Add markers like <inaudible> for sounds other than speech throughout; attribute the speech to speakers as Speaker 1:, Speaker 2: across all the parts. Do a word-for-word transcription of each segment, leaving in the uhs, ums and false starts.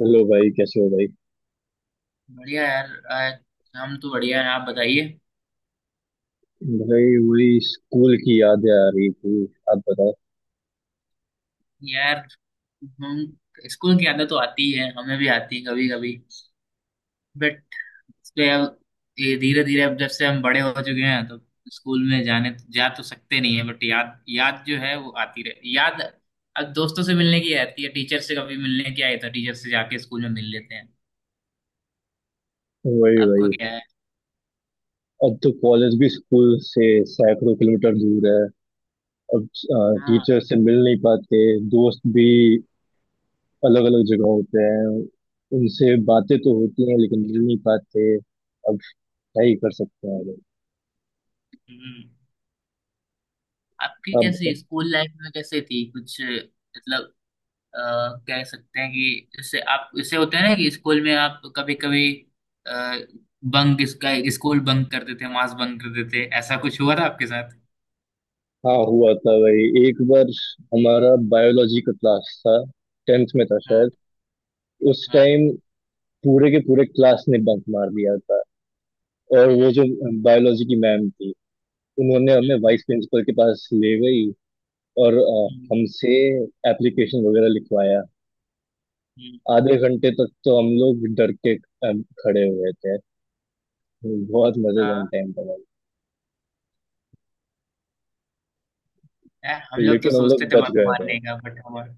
Speaker 1: Hello भाई, कैसे हो भाई।
Speaker 2: बढ़िया यार, आज हम तो बढ़िया है। आप बताइए।
Speaker 1: भाई वही स्कूल की यादें आ रही थी। आप बताओ।
Speaker 2: यार, हम स्कूल की आदत तो आती ही है, हमें भी आती है कभी कभी। बट, तो यार, ये धीरे धीरे अब जब से हम बड़े हो चुके हैं तो स्कूल में जाने जा तो सकते नहीं है, बट याद, याद जो है वो आती रहे याद। अब दोस्तों से मिलने की आती है, टीचर से कभी मिलने की आई तो टीचर से जाके स्कूल में मिल लेते हैं।
Speaker 1: वही
Speaker 2: आपको
Speaker 1: वही।
Speaker 2: क्या है?
Speaker 1: अब तो कॉलेज भी स्कूल से सैकड़ों किलोमीटर दूर है। अब अ,
Speaker 2: हाँ।
Speaker 1: टीचर से मिल नहीं पाते। दोस्त भी अलग अलग जगह होते हैं। उनसे बातें तो होती हैं लेकिन मिल नहीं पाते। अब क्या ही कर सकते हैं भाई।
Speaker 2: हम्म। आपकी कैसी
Speaker 1: अब
Speaker 2: स्कूल लाइफ में कैसे थी कुछ मतलब? अ, कह सकते हैं कि इससे आप इससे होते हैं ना कि स्कूल में आप कभी कभी बंक इसका स्कूल बंक करते थे, मास बंक करते थे, ऐसा कुछ हुआ था आपके साथ?
Speaker 1: हाँ हुआ था भाई, एक बार हमारा बायोलॉजी का क्लास था। टेंथ में था
Speaker 2: हाँ।
Speaker 1: शायद उस
Speaker 2: हाँ।
Speaker 1: टाइम। पूरे के पूरे क्लास ने बंक मार दिया था, और वो
Speaker 2: हम्म।
Speaker 1: जो बायोलॉजी की मैम थी, उन्होंने हमें
Speaker 2: हम्म।
Speaker 1: वाइस प्रिंसिपल के पास ले गई और अ,
Speaker 2: हम्म।
Speaker 1: हमसे एप्लीकेशन वगैरह लिखवाया।
Speaker 2: हम्म।
Speaker 1: आधे घंटे तक तो हम लोग डर के अ, खड़े हुए थे। बहुत मजेदार
Speaker 2: हाँ।
Speaker 1: टाइम था भाई।
Speaker 2: यार, हम लोग तो
Speaker 1: लेकिन हम
Speaker 2: सोचते
Speaker 1: लोग
Speaker 2: थे
Speaker 1: बच
Speaker 2: बंक
Speaker 1: गए थे।
Speaker 2: मारने का बट हमारे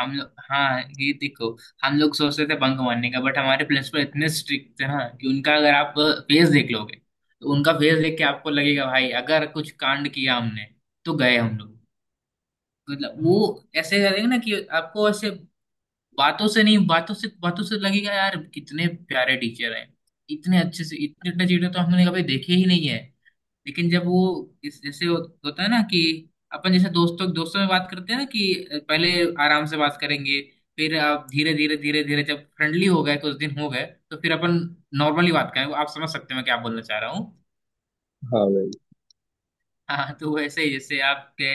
Speaker 2: हम लोग, हाँ ये देखो, हम लोग सोचते थे बंक मारने का बट हमारे प्रिंसिपल इतने स्ट्रिक्ट थे ना कि उनका अगर आप फेस देख लोगे तो उनका फेस देख के आपको लगेगा भाई अगर कुछ कांड किया हमने तो गए हम लोग। मतलब वो ऐसे करेंगे ना कि आपको ऐसे बातों से नहीं बातों से, बातों से लगेगा यार कितने प्यारे टीचर हैं, इतने अच्छे से, इतने इतने चीजें तो हमने कभी देखे ही नहीं है। लेकिन जब वो इस जैसे हो, होता है ना कि अपन, जैसे दोस्तों दोस्तों में बात करते हैं ना कि पहले आराम से बात करेंगे, फिर आप धीरे धीरे धीरे धीरे जब फ्रेंडली हो गए, कुछ दिन हो गए तो फिर अपन नॉर्मली बात करें। आप समझ सकते हैं मैं क्या बोलना चाह रहा हूँ?
Speaker 1: हाँ भाई।
Speaker 2: हाँ, तो वैसे ही जैसे आपके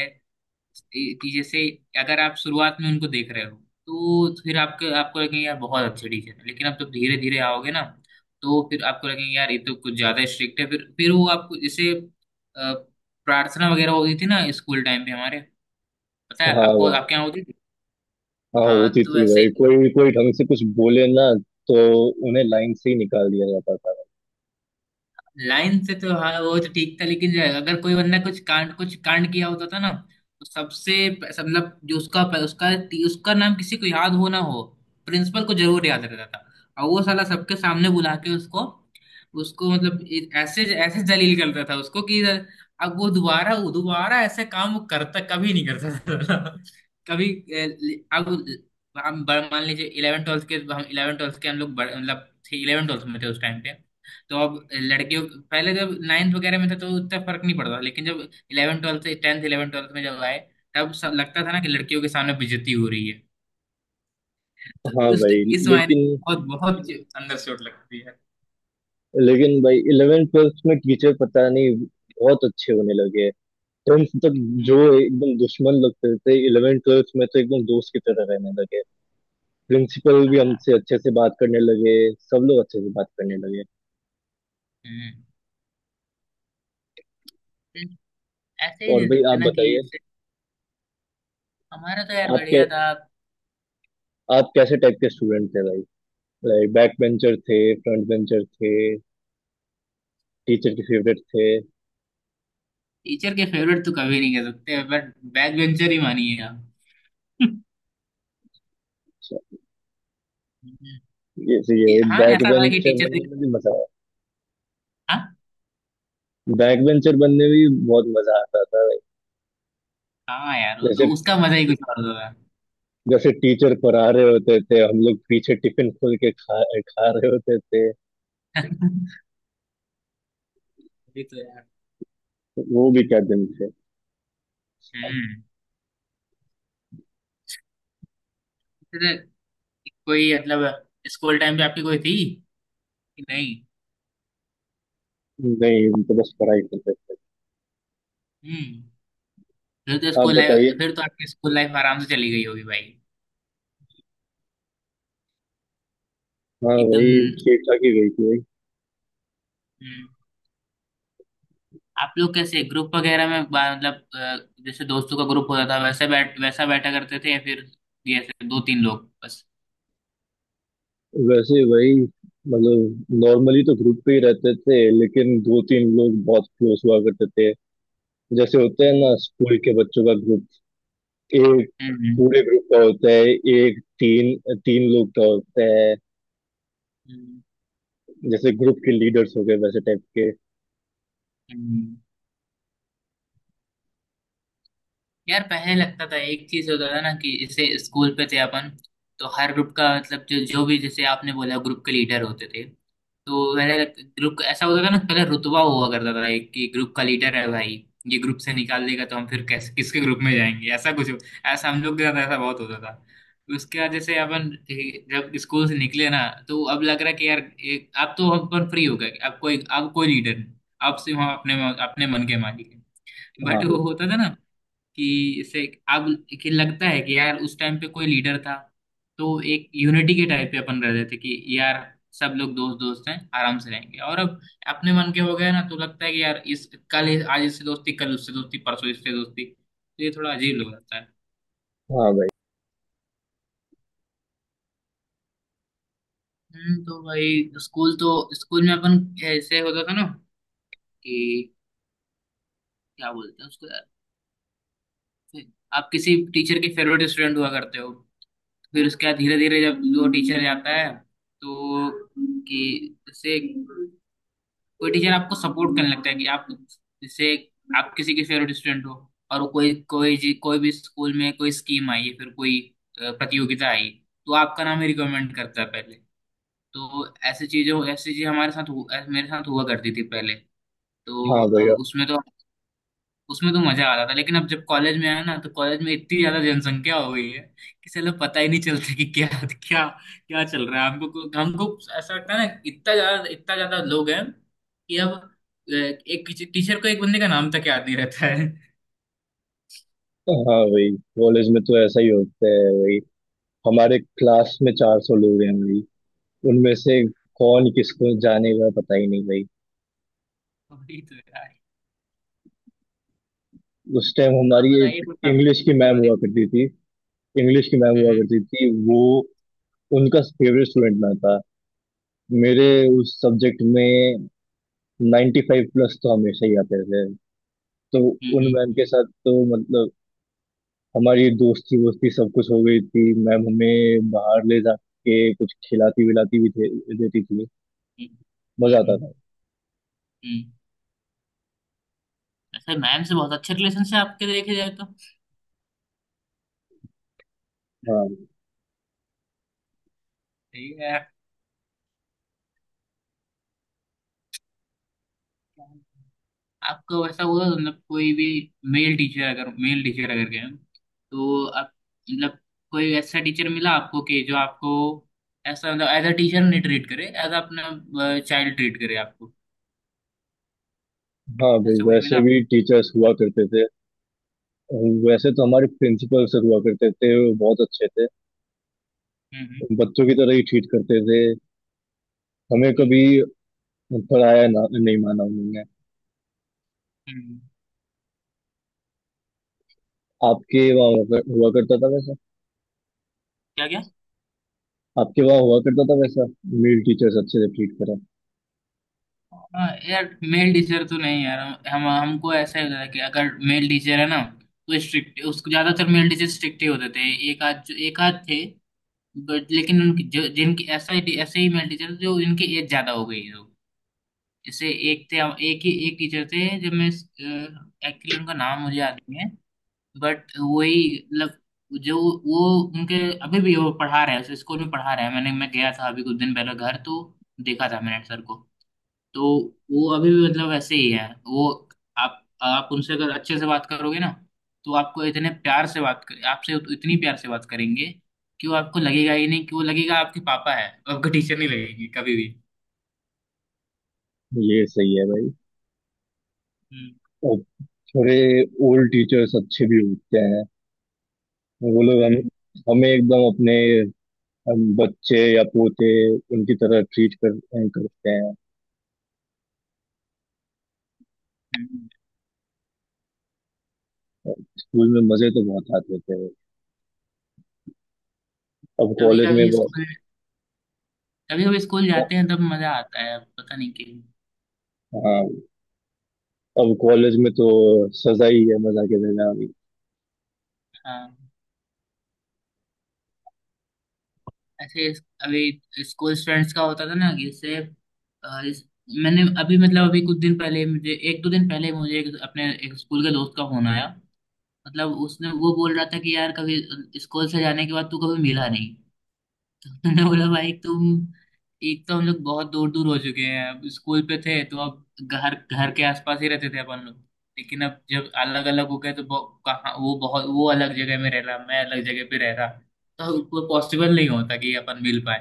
Speaker 2: कि जैसे अगर आप शुरुआत में उनको देख रहे हो तो फिर आपके आपको लगेंगे यार बहुत अच्छे टीचर है, लेकिन आप जब धीरे धीरे आओगे ना तो फिर आपको लगेंगे यार ये तो कुछ ज्यादा स्ट्रिक्ट है। फिर फिर वो आपको जैसे अ, प्रार्थना वगैरह होती थी ना स्कूल टाइम पे हमारे, पता है
Speaker 1: हाँ
Speaker 2: आपको
Speaker 1: भाई।
Speaker 2: आपके यहाँ होती थी?
Speaker 1: हाँ
Speaker 2: हाँ,
Speaker 1: होती
Speaker 2: तो
Speaker 1: थी
Speaker 2: ऐसे
Speaker 1: भाई।
Speaker 2: ही।
Speaker 1: कोई कोई ढंग से कुछ बोले ना तो उन्हें लाइन से ही निकाल दिया जाता था।
Speaker 2: लाइन से तो हाँ वो तो ठीक था, लेकिन अगर कोई बंदा कुछ कांड कुछ कांड किया होता था ना तो सबसे प- सब- मतलब जो उसका उसका उसका नाम किसी को याद हो ना हो, प्रिंसिपल को जरूर याद रहता था। और वो साला सबके सामने बुला के उसको उसको मतलब ए- ऐसे ऐसे जलील करता था उसको कि अब वो दोबारा, वो दोबारा ऐसे काम वो करता कभी नहीं करता था <laughs> कभी ए, ले- अब हम बड़ा- मान लीजिए इलेवन ट्वेल्थ के हम इलेवन ट्वेल्थ के हम लोग बड़े- मतलब इलेवन ट्वेल्थ में थे उस टाइम पे। तो अब लड़कियों, पहले जब नाइन्थ वगैरह में था तो उतना फर्क नहीं पड़ता था, लेकिन जब इलेवन ट्वेल्थ से टेंथ, इलेवन ट्वेल्थ में जब आए तब सब लगता था ना कि लड़कियों के सामने बेइज्जती हो रही है। तो
Speaker 1: हाँ
Speaker 2: उस,
Speaker 1: भाई।
Speaker 2: इस मायने
Speaker 1: लेकिन
Speaker 2: बहुत बहुत अंदर चोट लगती है।
Speaker 1: लेकिन भाई, इलेवेंथ ट्वेल्थ में टीचर पता नहीं बहुत अच्छे होने लगे। टेंथ तक जो
Speaker 2: हम्म।
Speaker 1: एकदम दुश्मन लगते थे, इलेवेंथ ट्वेल्थ में तो एकदम दोस्त की तरह रहने लगे। प्रिंसिपल भी
Speaker 2: हाँ।
Speaker 1: हमसे अच्छे से बात करने लगे। सब लोग अच्छे से बात करने
Speaker 2: हम्म।
Speaker 1: लगे।
Speaker 2: हम्म। ऐसे ही
Speaker 1: और
Speaker 2: दे
Speaker 1: भाई
Speaker 2: सकते
Speaker 1: आप
Speaker 2: ना कि
Speaker 1: बताइए।
Speaker 2: जैसे हमारा तो यार
Speaker 1: आप कै
Speaker 2: बढ़िया था।
Speaker 1: आप कैसे टाइप के स्टूडेंट थे भाई? लाइक बैक बेंचर थे, फ्रंट बेंचर थे, टीचर के फेवरेट थे?
Speaker 2: टीचर के फेवरेट तो कभी नहीं कह सकते, बट बैक बेंचर ही मानिए आप।
Speaker 1: अच्छा,
Speaker 2: हम्म।
Speaker 1: ये तो ये
Speaker 2: हाँ,
Speaker 1: बैक
Speaker 2: ऐसा था कि
Speaker 1: बेंचर
Speaker 2: टीचर
Speaker 1: बनने में
Speaker 2: से।
Speaker 1: भी मजा आया।
Speaker 2: हाँ।
Speaker 1: बैक बेंचर बनने में भी बहुत मजा आता था भाई।
Speaker 2: हाँ यार, वो तो
Speaker 1: जैसे
Speaker 2: उसका मजा ही कुछ और होता था।
Speaker 1: जैसे टीचर पढ़ा रहे होते थे, हम लोग पीछे टिफिन खोल के खा खा रहे होते थे।
Speaker 2: <laughs> ये तो है।
Speaker 1: वो भी क्या दिन थे।
Speaker 2: हम्म। फिर कोई मतलब स्कूल टाइम पे आपकी कोई थी कि नहीं?
Speaker 1: नहीं, हम तो बस पढ़ाई करते थे।
Speaker 2: हम्म। फिर तो
Speaker 1: आप
Speaker 2: स्कूल
Speaker 1: बताइए।
Speaker 2: लाइफ फिर तो आपकी स्कूल लाइफ आराम से चली गई होगी भाई।
Speaker 1: हाँ
Speaker 2: एकदम।
Speaker 1: वही, ठीक ठाक ही गई थी वही।
Speaker 2: हम्म। आप लोग कैसे ग्रुप वगैरह में बा- मतलब अ, जैसे दोस्तों का ग्रुप होता था वैसे बैठ वैसा बैठा करते थे, या फिर ये ऐसे दो तीन लोग बस?
Speaker 1: वैसे वही, मतलब नॉर्मली तो ग्रुप पे ही रहते थे लेकिन दो तीन लोग बहुत क्लोज हुआ करते थे। जैसे होते हैं ना
Speaker 2: हम्म।
Speaker 1: स्कूल के बच्चों का ग्रुप। एक
Speaker 2: हम्म।
Speaker 1: पूरे ग्रुप का होता है, एक तीन तीन लोग का होता है,
Speaker 2: हम्म।
Speaker 1: जैसे ग्रुप के लीडर्स हो गए वैसे टाइप के।
Speaker 2: हम्म। यार, पहले लगता था एक चीज होता था ना कि जैसे स्कूल पे थे अपन तो हर ग्रुप का मतलब जो जो भी, जैसे आपने बोला, ग्रुप के लीडर होते थे। तो पहले, ग्रुप ऐसा होता था ना, पहले रुतबा हुआ करता था एक कि ग्रुप का लीडर है भाई, ये ग्रुप से निकाल देगा तो हम फिर कैसे किसके ग्रुप में जाएंगे, ऐसा कुछ हो- ऐसा हम लोग के साथ ऐसा बहुत होता था। उसके बाद जैसे अपन ए, जब स्कूल से निकले ना तो अब लग रहा है कि यार एक, अब तो अपन फ्री हो गए, अब कोई, अब कोई लीडर नहीं, अब सिर्फ हम अपने अपने मन के मालिक हैं।
Speaker 1: हाँ
Speaker 2: बट वो
Speaker 1: भाई।
Speaker 2: होता था ना कि इसे, अब, कि लगता है कि यार उस टाइम पे कोई लीडर था तो एक यूनिटी के टाइप पे अपन रहते थे कि यार सब लोग दोस्त दोस्त हैं आराम से रहेंगे, और अब अपने मन के हो गए ना तो लगता है कि यार इस कल इस- आज इससे दोस्ती, कल उससे दोस्ती, परसों इससे दोस्ती, तो ये थोड़ा अजीब लग जाता है।
Speaker 1: हाँ भाई।
Speaker 2: हम्म। तो भाई, स्कूल तो स्कूल में अपन ऐसे होता था ना कि क्या बोलते हैं उसको यार, आप किसी टीचर के फेवरेट स्टूडेंट हुआ करते हो। फिर उसके बाद धीरे धीरे जब वो टीचर जाता है तो, कि जैसे कोई टीचर आपको सपोर्ट करने लगता है कि आप, जैसे आप किसी के फेवरेट स्टूडेंट हो और वो कोई कोई जी- कोई भी स्कूल में कोई स्कीम आई है फिर कोई अ, प्रतियोगिता आई तो आपका नाम ही रिकमेंड करता है पहले। तो ऐसी चीजों, ऐसी चीज हमारे साथ हु- ऐ- मेरे साथ हुआ करती थी पहले। तो
Speaker 1: हाँ
Speaker 2: अब
Speaker 1: भैया।
Speaker 2: उसमें तो, उसमें तो मजा आ रहा था, लेकिन अब जब कॉलेज में आया ना तो कॉलेज में इतनी ज्यादा जनसंख्या हो गई है कि चलो पता ही नहीं चलता कि क्या क्या क्या चल रहा है। हमको हमको ऐसा लगता है ना इतना ज्यादा, इतना ज्यादा लोग हैं कि अब अ, एक टीचर को एक बंदे का नाम तक याद नहीं रहता है।
Speaker 1: हाँ भाई, कॉलेज में तो ऐसा ही होता है भाई। हमारे क्लास में चार सौ लोग हैं भाई। उनमें से कौन किसको जानेगा पता ही नहीं भाई।
Speaker 2: <laughs> वही तो यार।
Speaker 1: उस टाइम हमारी
Speaker 2: आप बताइए
Speaker 1: एक
Speaker 2: कुछ आपके
Speaker 1: इंग्लिश की
Speaker 2: स्कूल के
Speaker 1: मैम
Speaker 2: बारे में।
Speaker 1: हुआ करती थी। इंग्लिश की मैम हुआ
Speaker 2: हम्म।
Speaker 1: करती थी वो। उनका फेवरेट स्टूडेंट मैं था। मेरे
Speaker 2: हम्म।
Speaker 1: उस सब्जेक्ट में नाइंटी फाइव प्लस तो हमेशा ही आते थे। तो उन
Speaker 2: हम्म।
Speaker 1: मैम के साथ तो मतलब हमारी दोस्ती वोस्ती सब कुछ हो गई थी। मैम हमें बाहर ले जाके कुछ खिलाती विलाती भी दे, देती थी।
Speaker 2: हम्म।
Speaker 1: मजा
Speaker 2: हम्म।
Speaker 1: आता
Speaker 2: हम्म।
Speaker 1: था।
Speaker 2: हम्म। अच्छा, मैम से बहुत अच्छे रिलेशन है आपके देखे जाए तो।
Speaker 1: हाँ।
Speaker 2: सही है। आपको ऐसा हुआ तो मतलब कोई भी मेल टीचर अगर मेल टीचर अगर गए, तो आप, मतलब कोई ऐसा टीचर मिला आपको कि जो आपको ऐसा मतलब एज अ टीचर नहीं ट्रीट करे, एज अपना चाइल्ड ट्रीट करे आपको?
Speaker 1: हाँ भाई,
Speaker 2: ऐसा कोई मिला
Speaker 1: वैसे
Speaker 2: आपको?
Speaker 1: भी टीचर्स हुआ करते थे। वैसे तो हमारे प्रिंसिपल सर हुआ करते थे, वो बहुत अच्छे थे।
Speaker 2: हम्म।
Speaker 1: बच्चों की तरह ही ट्रीट करते थे। हमें
Speaker 2: हम्म।
Speaker 1: कभी पराया ना नहीं माना उन्होंने।
Speaker 2: हम्म।
Speaker 1: आपके
Speaker 2: हम्म।
Speaker 1: वहाँ हुआ कर- हुआ करता था वैसा?
Speaker 2: क्या क्या।
Speaker 1: आपके वहाँ हुआ करता था वैसा? मेल टीचर्स अच्छे से ट्रीट करा?
Speaker 2: हाँ यार, मेल टीचर तो नहीं यार, हम हमको ऐसा ही होता था कि अगर मेल टीचर है ना तो स्ट्रिक्ट, उसको ज्यादातर मेल टीचर स्ट्रिक्ट ही होते थे। एक आध जो एक आध थे, बट लेकिन उनकी जो, जिनकी ऐसा ही ऐसे ही मेरे टीचर जो इनकी एज ज्यादा हो गई है लोग। जैसे एक थे, एक ही एक टीचर थे, जब मैं, एक्चुअली उनका नाम मुझे याद नहीं है, बट वही मतलब जो, वो, उनके अभी भी वो पढ़ा रहे हैं उस स्कूल में पढ़ा रहे हैं। मैंने मैं गया था अभी कुछ दिन पहले घर, तो देखा था मैंने सर को। तो वो अभी भी मतलब ऐसे ही है वो। आप आप उनसे अगर अच्छे से बात करोगे ना तो आपको इतने प्यार से बात कर आपसे उत- इतनी प्यार से बात करेंगे कि वो आपको लगेगा ही नहीं कि वो, लगेगा आपके पापा है, आपका टीचर नहीं लगेगी कभी भी।
Speaker 1: ये सही है भाई।
Speaker 2: हम्म।
Speaker 1: और थोड़े ओल्ड टीचर्स अच्छे भी होते हैं। वो लोग हमें हमें एकदम अपने, हम बच्चे या पोते उनकी तरह ट्रीट कर करते हैं।
Speaker 2: हम्म।
Speaker 1: स्कूल में मजे तो बहुत आते थे। अब
Speaker 2: कभी
Speaker 1: कॉलेज में
Speaker 2: कभी
Speaker 1: वो।
Speaker 2: स्कूल कभी कभी स्कूल जाते हैं तब मजा आता है, पता नहीं क्यों।
Speaker 1: हाँ। अब कॉलेज में तो सजा ही है, मजा के देना अभी।
Speaker 2: हाँ। ऐसे इस- अभी स्कूल फ्रेंड्स का होता था ना कि इससे अ, इस, मैंने अभी मतलब अभी कुछ दिन पहले मुझे एक दो दिन पहले मुझे एक, अपने एक स्कूल के दोस्त का फोन आया। मतलब उसने, वो बोल रहा था कि यार कभी स्कूल से जाने के बाद तू कभी मिला नहीं। तो मैंने बोला भाई तुम, एक तो हम लोग बहुत दूर दूर हो चुके हैं, अब स्कूल पे थे तो अब घर, घर के आसपास ही रहते थे अपन लोग, लेकिन अब जब अलग अलग हो गए तो बहु- कहाँ, वो बहुत, वो अलग जगह में रह रहा, मैं अलग जगह पे रह रहा, तो वो पॉसिबल नहीं होता कि अपन मिल पाए।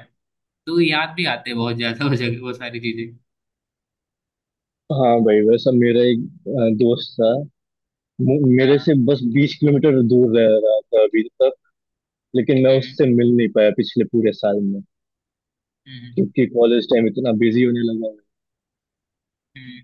Speaker 2: तो याद भी आते बहुत ज्यादा वो जगह, वो सारी चीजें।
Speaker 1: हाँ भाई, वैसा मेरा एक अ, दोस्त था। मु- मेरे
Speaker 2: हाँ।
Speaker 1: से बस बीस किलोमीटर दूर रह रहा था अभी तक। लेकिन मैं
Speaker 2: हम्म।
Speaker 1: उससे मिल नहीं पाया पिछले पूरे साल में,
Speaker 2: हम्म। हम्म।
Speaker 1: क्योंकि कॉलेज टाइम इतना बिजी होने लगा है।
Speaker 2: हम्म।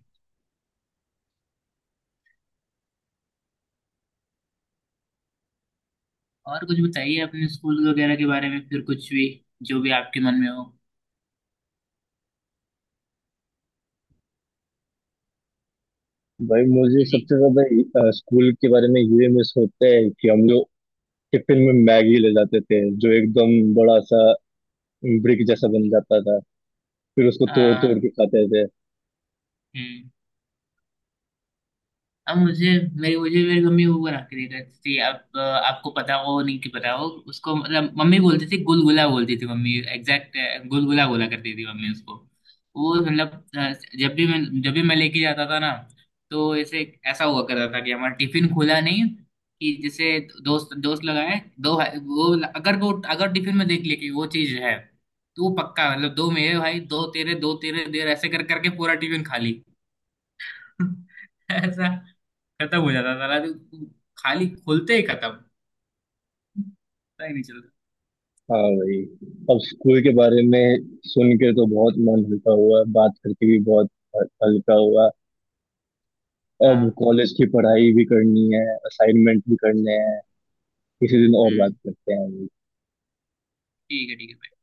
Speaker 2: और कुछ बताइए अपने स्कूल वगैरह के बारे में फिर, कुछ भी जो भी आपके मन में हो।
Speaker 1: भाई मुझे
Speaker 2: हाँ जी।
Speaker 1: सबसे ज्यादा अ, स्कूल के बारे में ये मिस होता है कि हम लोग टिफिन में मैगी ले जाते थे, जो एकदम बड़ा सा ब्रिक जैसा बन जाता था। फिर उसको तोड़ तोड़
Speaker 2: हाँ।
Speaker 1: के खाते थे।
Speaker 2: हम्म। अब मुझे, मेरी मुझे मेरी मम्मी वो बना के देती थी। आप आपको पता हो नहीं कि पता हो, उसको मतलब मम्मी बोलती थी, गुलगुला बोलती थी मम्मी, एग्जैक्ट गुलगुला बोला करती थी मम्मी उसको। वो मतलब अ, जब भी मैं जब भी मैं लेके जाता था ना तो ऐसे, ऐसा हुआ करता था कि हमारा टिफिन खुला नहीं कि जैसे दोस्त दोस्त लगाए, दो भाई- वो अगर, वो अगर टिफिन में देख ले कि वो चीज है तो वो पक्का मतलब दो मेरे भाई, दो तेरे, दो तेरे देर ऐसे कर करके पूरा टिफिन खाली। <laughs> ऐसा खत्म हो जाता था रात को। खाली खोलते ही खत्म, पता ही नहीं चलता।
Speaker 1: हाँ भाई। अब स्कूल के बारे में सुन के तो बहुत मन हल्का हुआ, बात करके भी बहुत ह- हल्का हुआ। अब
Speaker 2: हाँ।
Speaker 1: कॉलेज की पढ़ाई भी करनी है, असाइनमेंट भी करने हैं। किसी दिन और बात
Speaker 2: हम्म।
Speaker 1: करते हैं।
Speaker 2: ठीक है, ठीक है।